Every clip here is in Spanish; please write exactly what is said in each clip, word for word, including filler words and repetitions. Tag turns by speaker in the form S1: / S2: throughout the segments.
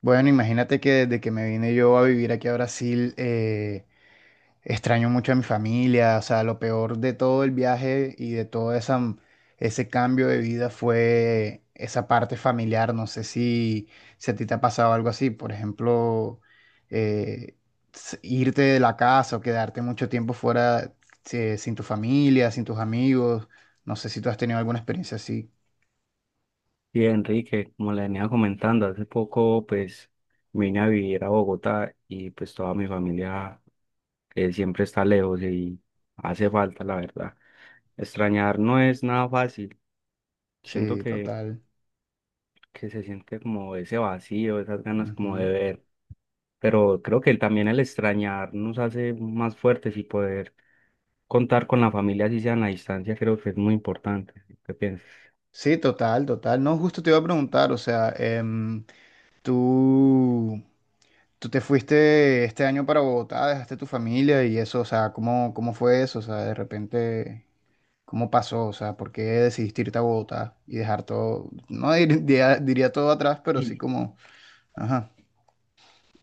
S1: Bueno, imagínate que desde que me vine yo a vivir aquí a Brasil, eh, extraño mucho a mi familia. O sea, lo peor de todo el viaje y de todo esa, ese cambio de vida fue esa parte familiar. No sé si, si a ti te ha pasado algo así. Por ejemplo, eh, s- irte de la casa o quedarte mucho tiempo fuera, eh, sin tu familia, sin tus amigos. No sé si tú has tenido alguna experiencia así.
S2: Sí, Enrique, como le venía comentando, hace poco pues vine a vivir a Bogotá y pues toda mi familia eh, siempre está lejos y hace falta, la verdad. Extrañar no es nada fácil. Siento
S1: Sí,
S2: que,
S1: total.
S2: que se siente como ese vacío, esas ganas como de
S1: Ujú.
S2: ver, pero creo que también el extrañar nos hace más fuertes y poder contar con la familia, así sea en la distancia, creo que es muy importante. ¿Qué piensas?
S1: Sí, total, total. No, justo te iba a preguntar, o sea, em, tú, tú te fuiste este año para Bogotá, dejaste tu familia y eso, o sea, ¿cómo, cómo fue eso? O sea, de repente, ¿cómo pasó? O sea, ¿por qué decidiste irte a Bogotá y dejar todo, no dir- diría, diría todo atrás, pero sí
S2: Sí.
S1: como, ajá,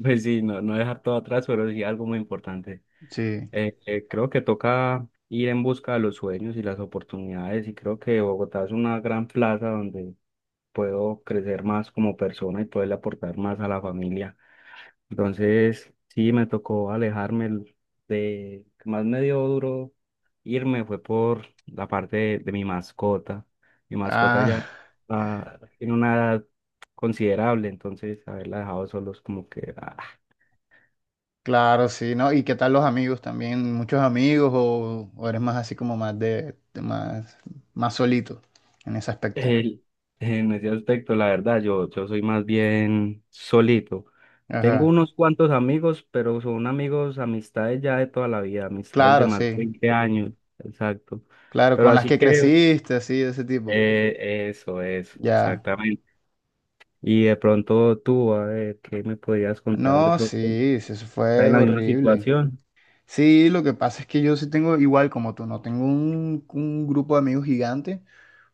S2: Pues sí, no, no dejar todo atrás, pero sí algo muy importante.
S1: sí.
S2: Eh, eh, creo que toca ir en busca de los sueños y las oportunidades y creo que Bogotá es una gran plaza donde puedo crecer más como persona y poderle aportar más a la familia. Entonces, sí, me tocó alejarme el- de, que más me dio duro irme fue por la parte de, de mi mascota. Mi mascota ya
S1: Ah,
S2: ah, tiene una edad considerable, entonces haberla dejado solos como que... ah,
S1: claro, sí, ¿no? ¿Y qué tal los amigos también? ¿Muchos amigos o, o eres más así como más de, de más, más solito en ese aspecto?
S2: El- en ese aspecto, la verdad, yo, yo soy más bien solito. Tengo
S1: Ajá.
S2: unos cuantos amigos, pero son amigos, amistades ya de toda la vida, amistades de
S1: Claro,
S2: más de
S1: sí,
S2: veinte años, exacto.
S1: claro,
S2: Pero
S1: con las
S2: así
S1: que
S2: que,
S1: creciste, así, de ese tipo.
S2: eh, eso, eso,
S1: Ya.
S2: exactamente. Y de pronto tú, a ver, ¿qué me podías contar de
S1: No,
S2: pronto?
S1: sí, sí, eso
S2: ¿Estás en
S1: fue
S2: la misma
S1: horrible.
S2: situación?
S1: Sí, lo que pasa es que yo sí tengo, igual como tú, no tengo un, un grupo de amigos gigante,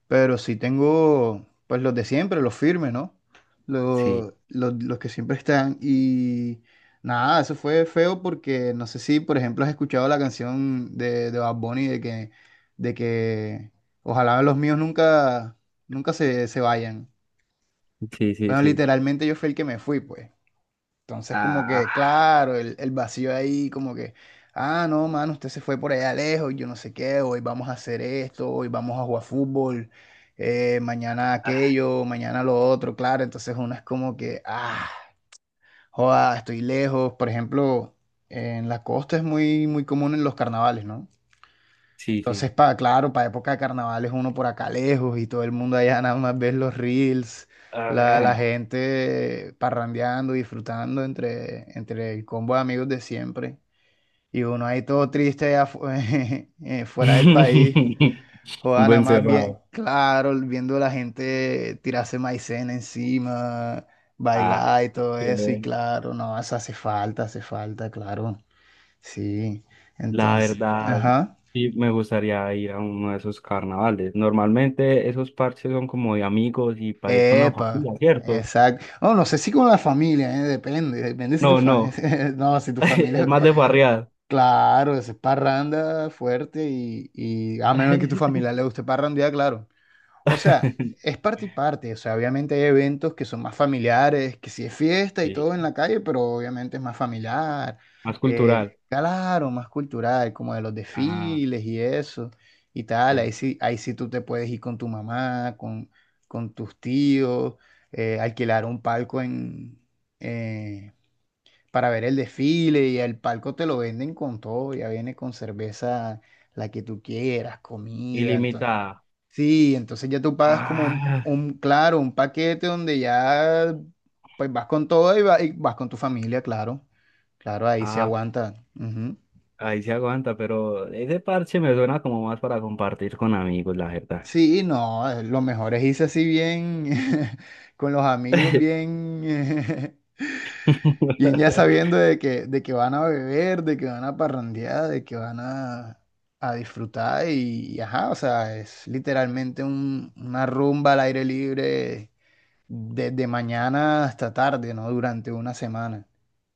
S1: pero sí tengo, pues los de siempre, los firmes, ¿no?
S2: Sí,
S1: Los, los, los que siempre están. Y nada, eso fue feo porque no sé si, por ejemplo, has escuchado la canción de, de Bad Bunny de que, de que ojalá los míos nunca, nunca se, se vayan.
S2: sí, sí,
S1: Bueno,
S2: sí.
S1: literalmente yo fui el que me fui, pues. Entonces, como que,
S2: Ah,
S1: claro, el, el vacío ahí, como que, ah, no, mano, usted se fue por allá lejos, yo no sé qué, hoy vamos a hacer esto, hoy vamos a jugar fútbol, eh, mañana
S2: ah,
S1: aquello, mañana lo otro, claro. Entonces, uno es como que, ah, joda, estoy lejos. Por ejemplo, en la costa es muy, muy común en los carnavales, ¿no?
S2: sí, sí.
S1: Entonces, pa, claro, para época de carnavales uno por acá lejos y todo el mundo allá nada más ves los reels,
S2: A
S1: la, la
S2: ver.
S1: gente parrandeando, disfrutando entre, entre el combo de amigos de siempre. Y uno ahí todo triste allá fu- eh, fuera del país,
S2: Un
S1: joda nada
S2: buen
S1: más bien,
S2: cerrado.
S1: claro, viendo a la gente tirarse maicena encima,
S2: Ah,
S1: bailar y
S2: qué
S1: todo eso. Y
S2: chévere.
S1: claro, no, eso hace falta, hace falta, claro. Sí,
S2: La
S1: entonces,
S2: verdad,
S1: ajá.
S2: sí me gustaría ir a uno de esos carnavales. Normalmente esos parches son como de amigos y para ir con la
S1: Epa,
S2: familia, ¿cierto?
S1: exacto. No, no sé si con la familia, ¿eh? Depende, depende si tu
S2: No, no,
S1: familia, no, si tu
S2: es
S1: familia,
S2: más de farrear.
S1: claro, es parranda fuerte y, y a menos que tu familia le guste parrandear, claro. O sea, es parte y parte. O sea, obviamente hay eventos que son más familiares, que si es fiesta y
S2: Sí,
S1: todo en la calle, pero obviamente es más familiar.
S2: más
S1: eh,
S2: cultural.
S1: claro, más cultural, como de los
S2: Ah,
S1: desfiles y eso y tal. Ahí
S2: bien.
S1: sí, ahí sí tú te puedes ir con tu mamá, con, con tus tíos, eh, alquilar un palco en, eh, para ver el desfile y el palco te lo venden con todo. Ya viene con cerveza, la que tú quieras, comida.
S2: Ilimitada.
S1: Sí, entonces ya tú pagas como un,
S2: Ah,
S1: un, claro, un paquete donde ya pues vas con todo y, va- y vas con tu familia, claro. Claro, ahí se
S2: ah,
S1: aguanta. Ujú.
S2: ahí se aguanta, pero ese parche me suena como más para compartir con amigos, la verdad.
S1: Sí, no, eh, lo mejor es irse así bien con los amigos, bien, bien ya sabiendo de que, de que van a beber, de que van a parrandear, de que van a, a disfrutar y, y ajá, o sea, es literalmente un- una rumba al aire libre desde mañana hasta tarde, ¿no? Durante una semana.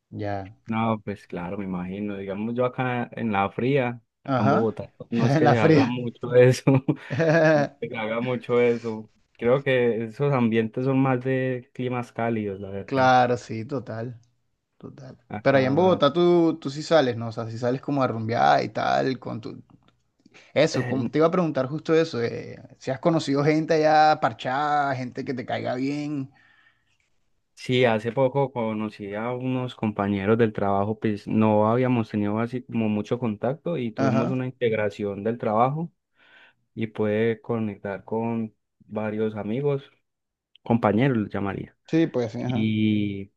S1: Ya.
S2: No, pues claro, me imagino. Digamos, yo acá en la fría, acá en
S1: Ajá.
S2: Bogotá, no es
S1: En
S2: que
S1: la
S2: se haga
S1: fría.
S2: mucho eso, no es que se haga mucho eso. Creo que esos ambientes son más de climas cálidos, la verdad.
S1: Claro, sí, total, total. Pero allá en
S2: Acá,
S1: Bogotá tú, tú sí sales, ¿no? O sea, si sales como a rumbear y tal, con tu... Eso,
S2: eh,
S1: como- te iba a preguntar justo eso, eh, si has conocido gente allá parchada, gente que te caiga bien.
S2: sí, hace poco conocí a unos compañeros del trabajo, pues no habíamos tenido así como mucho contacto y tuvimos
S1: Ajá.
S2: una integración del trabajo y pude conectar con varios amigos, compañeros, los llamaría.
S1: Sí, pues sí, ajá.
S2: Y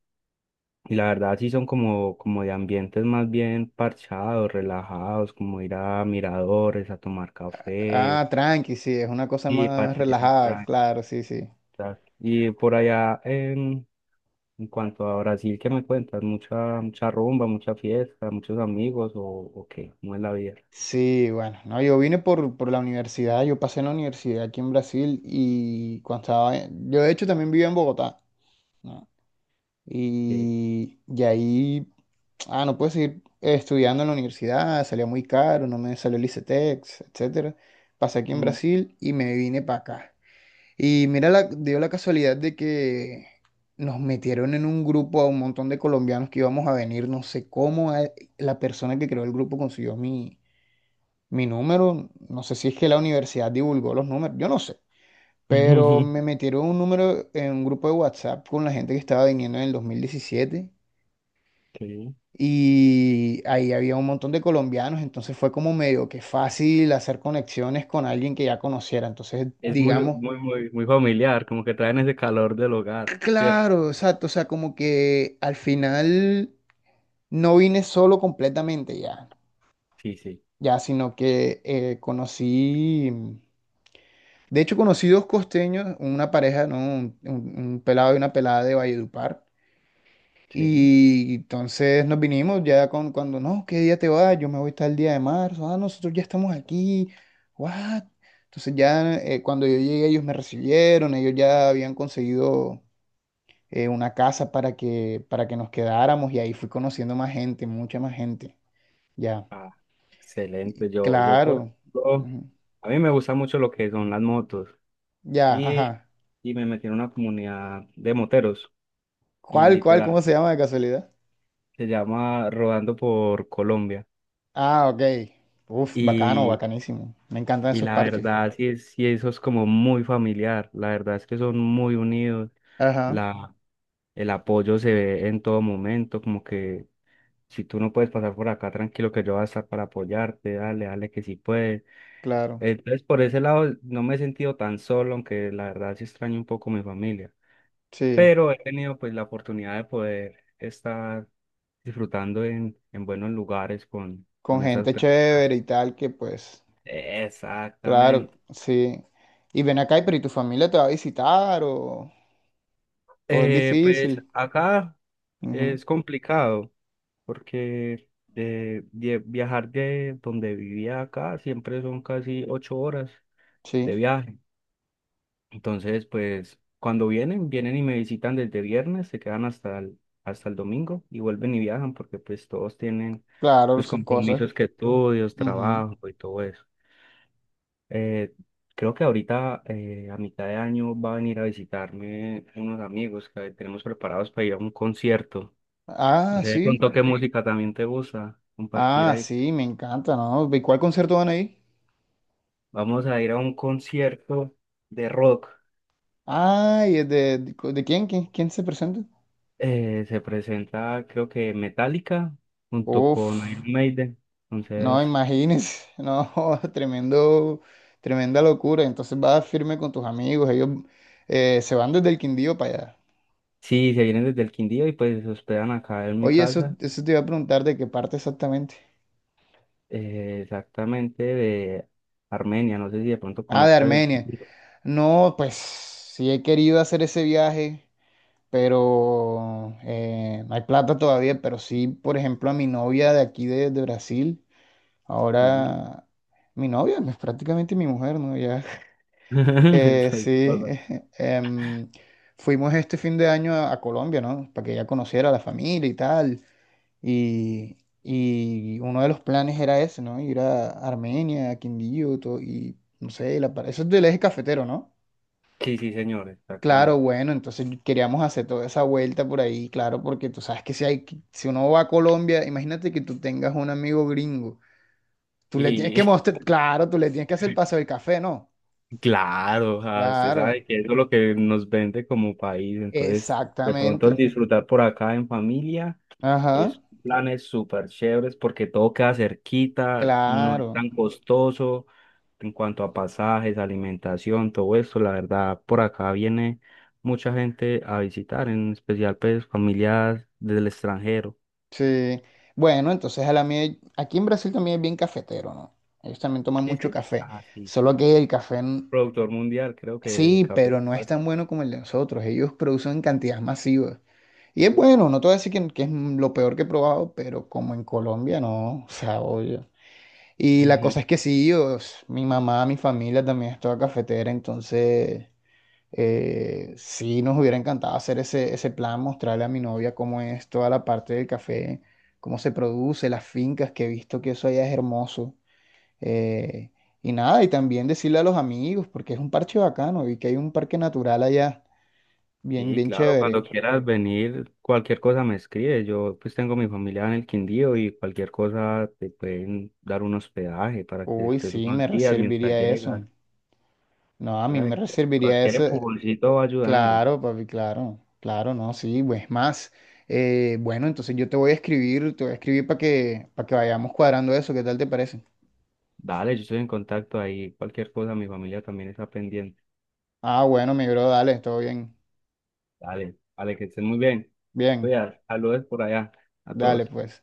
S2: Y la verdad sí son como, como de ambientes más bien parchados, relajados, como ir a miradores, a tomar café.
S1: Ah, tranqui, sí, es una cosa
S2: Sí,
S1: más
S2: parceritos.
S1: relajada, claro, sí, sí.
S2: Y por allá, en, en cuanto a Brasil, ¿qué me cuentas? ¿Mucha, mucha rumba, mucha fiesta, muchos amigos o, o qué? ¿Cómo es la vida?
S1: Sí, bueno, no, yo vine por, por la universidad, yo pasé en la universidad aquí en Brasil y cuando estaba, en- yo de hecho también vivía en Bogotá, ¿no?
S2: Sí.
S1: Y, y ahí, ah, no pude seguir estudiando en la universidad, salía muy caro, no me salió el ICETEX, etcétera. Pasé aquí en
S2: Mm.
S1: Brasil y me vine para acá. Y mira, la, dio la casualidad de que nos metieron en un grupo a un montón de colombianos que íbamos a venir, no sé cómo, eh, la persona que creó el grupo consiguió mi mi número, no sé si es que la universidad divulgó los números, yo no sé, pero me metieron un número en un grupo de WhatsApp con la gente que estaba viniendo en el dos mil diecisiete
S2: Sí.
S1: y ahí había un montón de colombianos, entonces fue como medio que fácil hacer conexiones con alguien que ya conociera. Entonces,
S2: Es muy,
S1: digamos,
S2: muy, muy, muy familiar, como que traen ese calor del hogar, ¿cierto?
S1: claro, exacto, o sea, como que al final no vine solo completamente ya,
S2: Sí, sí.
S1: ya, sino que eh, conocí. De hecho, conocí dos costeños, una pareja, ¿no? Un, un- un pelado y una pelada de Valledupar.
S2: Sí.
S1: Y entonces nos vinimos ya con, cuando, no, ¿qué día te vas? Yo me voy tal día de marzo. Ah, no, nosotros ya estamos aquí. What? Entonces ya eh, cuando yo llegué, ellos me recibieron, ellos ya habían conseguido eh, una casa para que, para que nos quedáramos y ahí fui conociendo más gente, mucha más gente. Ya,
S2: Ah, excelente. Yo, yo por
S1: claro.
S2: ejemplo,
S1: Ujú.
S2: a mí me gusta mucho lo que son las motos
S1: Ya,
S2: y,
S1: ajá.
S2: y me metí en una comunidad de moteros y
S1: ¿Cuál, cuál,
S2: literal
S1: cómo se llama de casualidad?
S2: se llama Rodando por Colombia
S1: Ah, ok. Uf, bacano,
S2: y,
S1: bacanísimo. Me encantan
S2: y
S1: esos
S2: la
S1: parches.
S2: verdad sí, es- sí eso es como muy familiar. La verdad es que son muy unidos.
S1: Ajá,
S2: La, el apoyo se ve en todo momento, como que si tú no puedes pasar por acá, tranquilo que yo voy a estar para apoyarte, dale, dale que sí puedes.
S1: claro.
S2: Entonces, por ese lado, no me he sentido tan solo, aunque la verdad sí extraño un poco mi familia.
S1: Sí.
S2: Pero he tenido pues la oportunidad de poder estar disfrutando en, en buenos lugares con,
S1: Con
S2: con esas
S1: gente
S2: personas.
S1: chévere y tal, que pues, claro,
S2: Exactamente.
S1: sí. Y ven acá, y pero ¿y tu familia te va a visitar o, o es
S2: Eh, pues
S1: difícil?
S2: acá
S1: Ujú,
S2: es complicado porque de, de viajar de donde vivía acá siempre son casi ocho horas de
S1: sí,
S2: viaje. Entonces, pues cuando vienen, vienen y me visitan desde viernes, se quedan hasta el, hasta el domingo y vuelven y viajan porque pues todos tienen
S1: claro,
S2: sus
S1: sus cosas.
S2: compromisos que estudios,
S1: Ujú.
S2: trabajo y todo eso. Eh, creo que ahorita eh, a mitad de año va a venir a visitarme unos amigos que tenemos preparados para ir a un concierto. No
S1: Ah,
S2: sé de
S1: sí.
S2: pronto qué Vale. Música también te gusta compartir
S1: Ah,
S2: ahí.
S1: sí, me encanta, ¿no? ¿Y cuál concierto van a ir?
S2: Vamos a ir a un concierto de rock.
S1: Ay, ¿es de, de, de quién? ¿Quién, quién se presenta?
S2: Eh, se presenta, creo que Metallica junto con
S1: Uf.
S2: Iron Maiden.
S1: No,
S2: Entonces,
S1: imagínense, no, tremendo, tremenda locura. Entonces vas firme con tus amigos, ellos eh, se van desde el Quindío para allá.
S2: sí, se vienen desde el Quindío y pues se hospedan acá en mi
S1: Oye, eso,
S2: casa,
S1: eso te iba a preguntar de qué parte exactamente.
S2: eh, exactamente de Armenia. No sé si de pronto
S1: Ah, de
S2: conozcas el
S1: Armenia.
S2: Quindío.
S1: No, pues sí he querido hacer ese viaje, pero eh, no hay plata todavía. Pero sí, por ejemplo, a mi novia de aquí de, de Brasil,
S2: Sí.
S1: ahora mi novia es prácticamente mi mujer, ¿no? Ya Eh,
S2: Entonces,
S1: sí,
S2: hola.
S1: em, fuimos este fin de año a, a Colombia, ¿no? Para que ella conociera a la familia y tal. Y, y uno de los planes era ese, ¿no? Ir a Armenia, a Quindío, to- y no sé, la, par- eso es del eje cafetero, ¿no?
S2: Sí, sí, señor,
S1: Claro,
S2: exactamente.
S1: bueno, entonces queríamos hacer toda esa vuelta por ahí, claro, porque tú sabes que si hay, que- si uno va a Colombia, imagínate que tú tengas un amigo gringo, tú le tienes que
S2: Y
S1: mostrar, claro, tú le tienes que hacer el paseo del café, ¿no?
S2: claro, ah, usted
S1: Claro,
S2: sabe que eso es lo que nos vende como país. Entonces, de pronto
S1: exactamente.
S2: el disfrutar por acá en familia. Es
S1: Ajá.
S2: planes súper chéveres porque todo queda cerquita, no es
S1: Claro,
S2: tan costoso en cuanto a pasajes, alimentación, todo eso. La verdad, por acá viene mucha gente a visitar, en especial pues familias del extranjero.
S1: sí. Bueno, entonces a la mía, aquí en Brasil también es bien cafetero, ¿no? Ellos también toman
S2: Sí,
S1: mucho
S2: sí.
S1: café,
S2: Ah, sí,
S1: solo
S2: sí.
S1: que el café, n-
S2: Productor mundial, creo que el
S1: sí, pero
S2: café.
S1: no es tan bueno como el de nosotros. Ellos producen en cantidades masivas. Y es bueno, no te voy a decir que, que es lo peor que he probado, pero como en Colombia, no, o sea, obvio. Y la cosa es que sí, os- mi mamá, mi familia también es toda cafetera, entonces... Eh, sí, nos hubiera encantado hacer ese, ese plan, mostrarle a mi novia cómo es toda la parte del café, cómo se produce, las fincas, que he visto que eso allá es hermoso. Eh, y nada, y también decirle a los amigos, porque es un parche bacano, y que hay un parque natural allá, bien,
S2: Sí,
S1: bien
S2: claro, cuando
S1: chévere.
S2: quieras venir, cualquier cosa me escribes. Yo pues tengo mi familia en el Quindío y cualquier cosa te pueden dar un hospedaje para que
S1: Uy,
S2: estés
S1: sí, me
S2: unos días mientras
S1: reservaría
S2: llegas.
S1: eso. No, a
S2: O
S1: mí
S2: sea,
S1: me reservaría
S2: cualquier
S1: eso.
S2: empujoncito va ayudando.
S1: Claro, papi, claro, claro, no, sí, pues más. Eh, bueno, entonces yo te voy a escribir, te voy a escribir para que, para que vayamos cuadrando eso, ¿qué tal te parece?
S2: Dale, yo estoy en contacto ahí. Cualquier cosa, mi familia también está pendiente.
S1: Ah, bueno, mi bro, dale, todo bien.
S2: Dale, dale, que estén muy bien.
S1: Bien,
S2: Cuidado, saludos por allá a todos.
S1: dale, pues.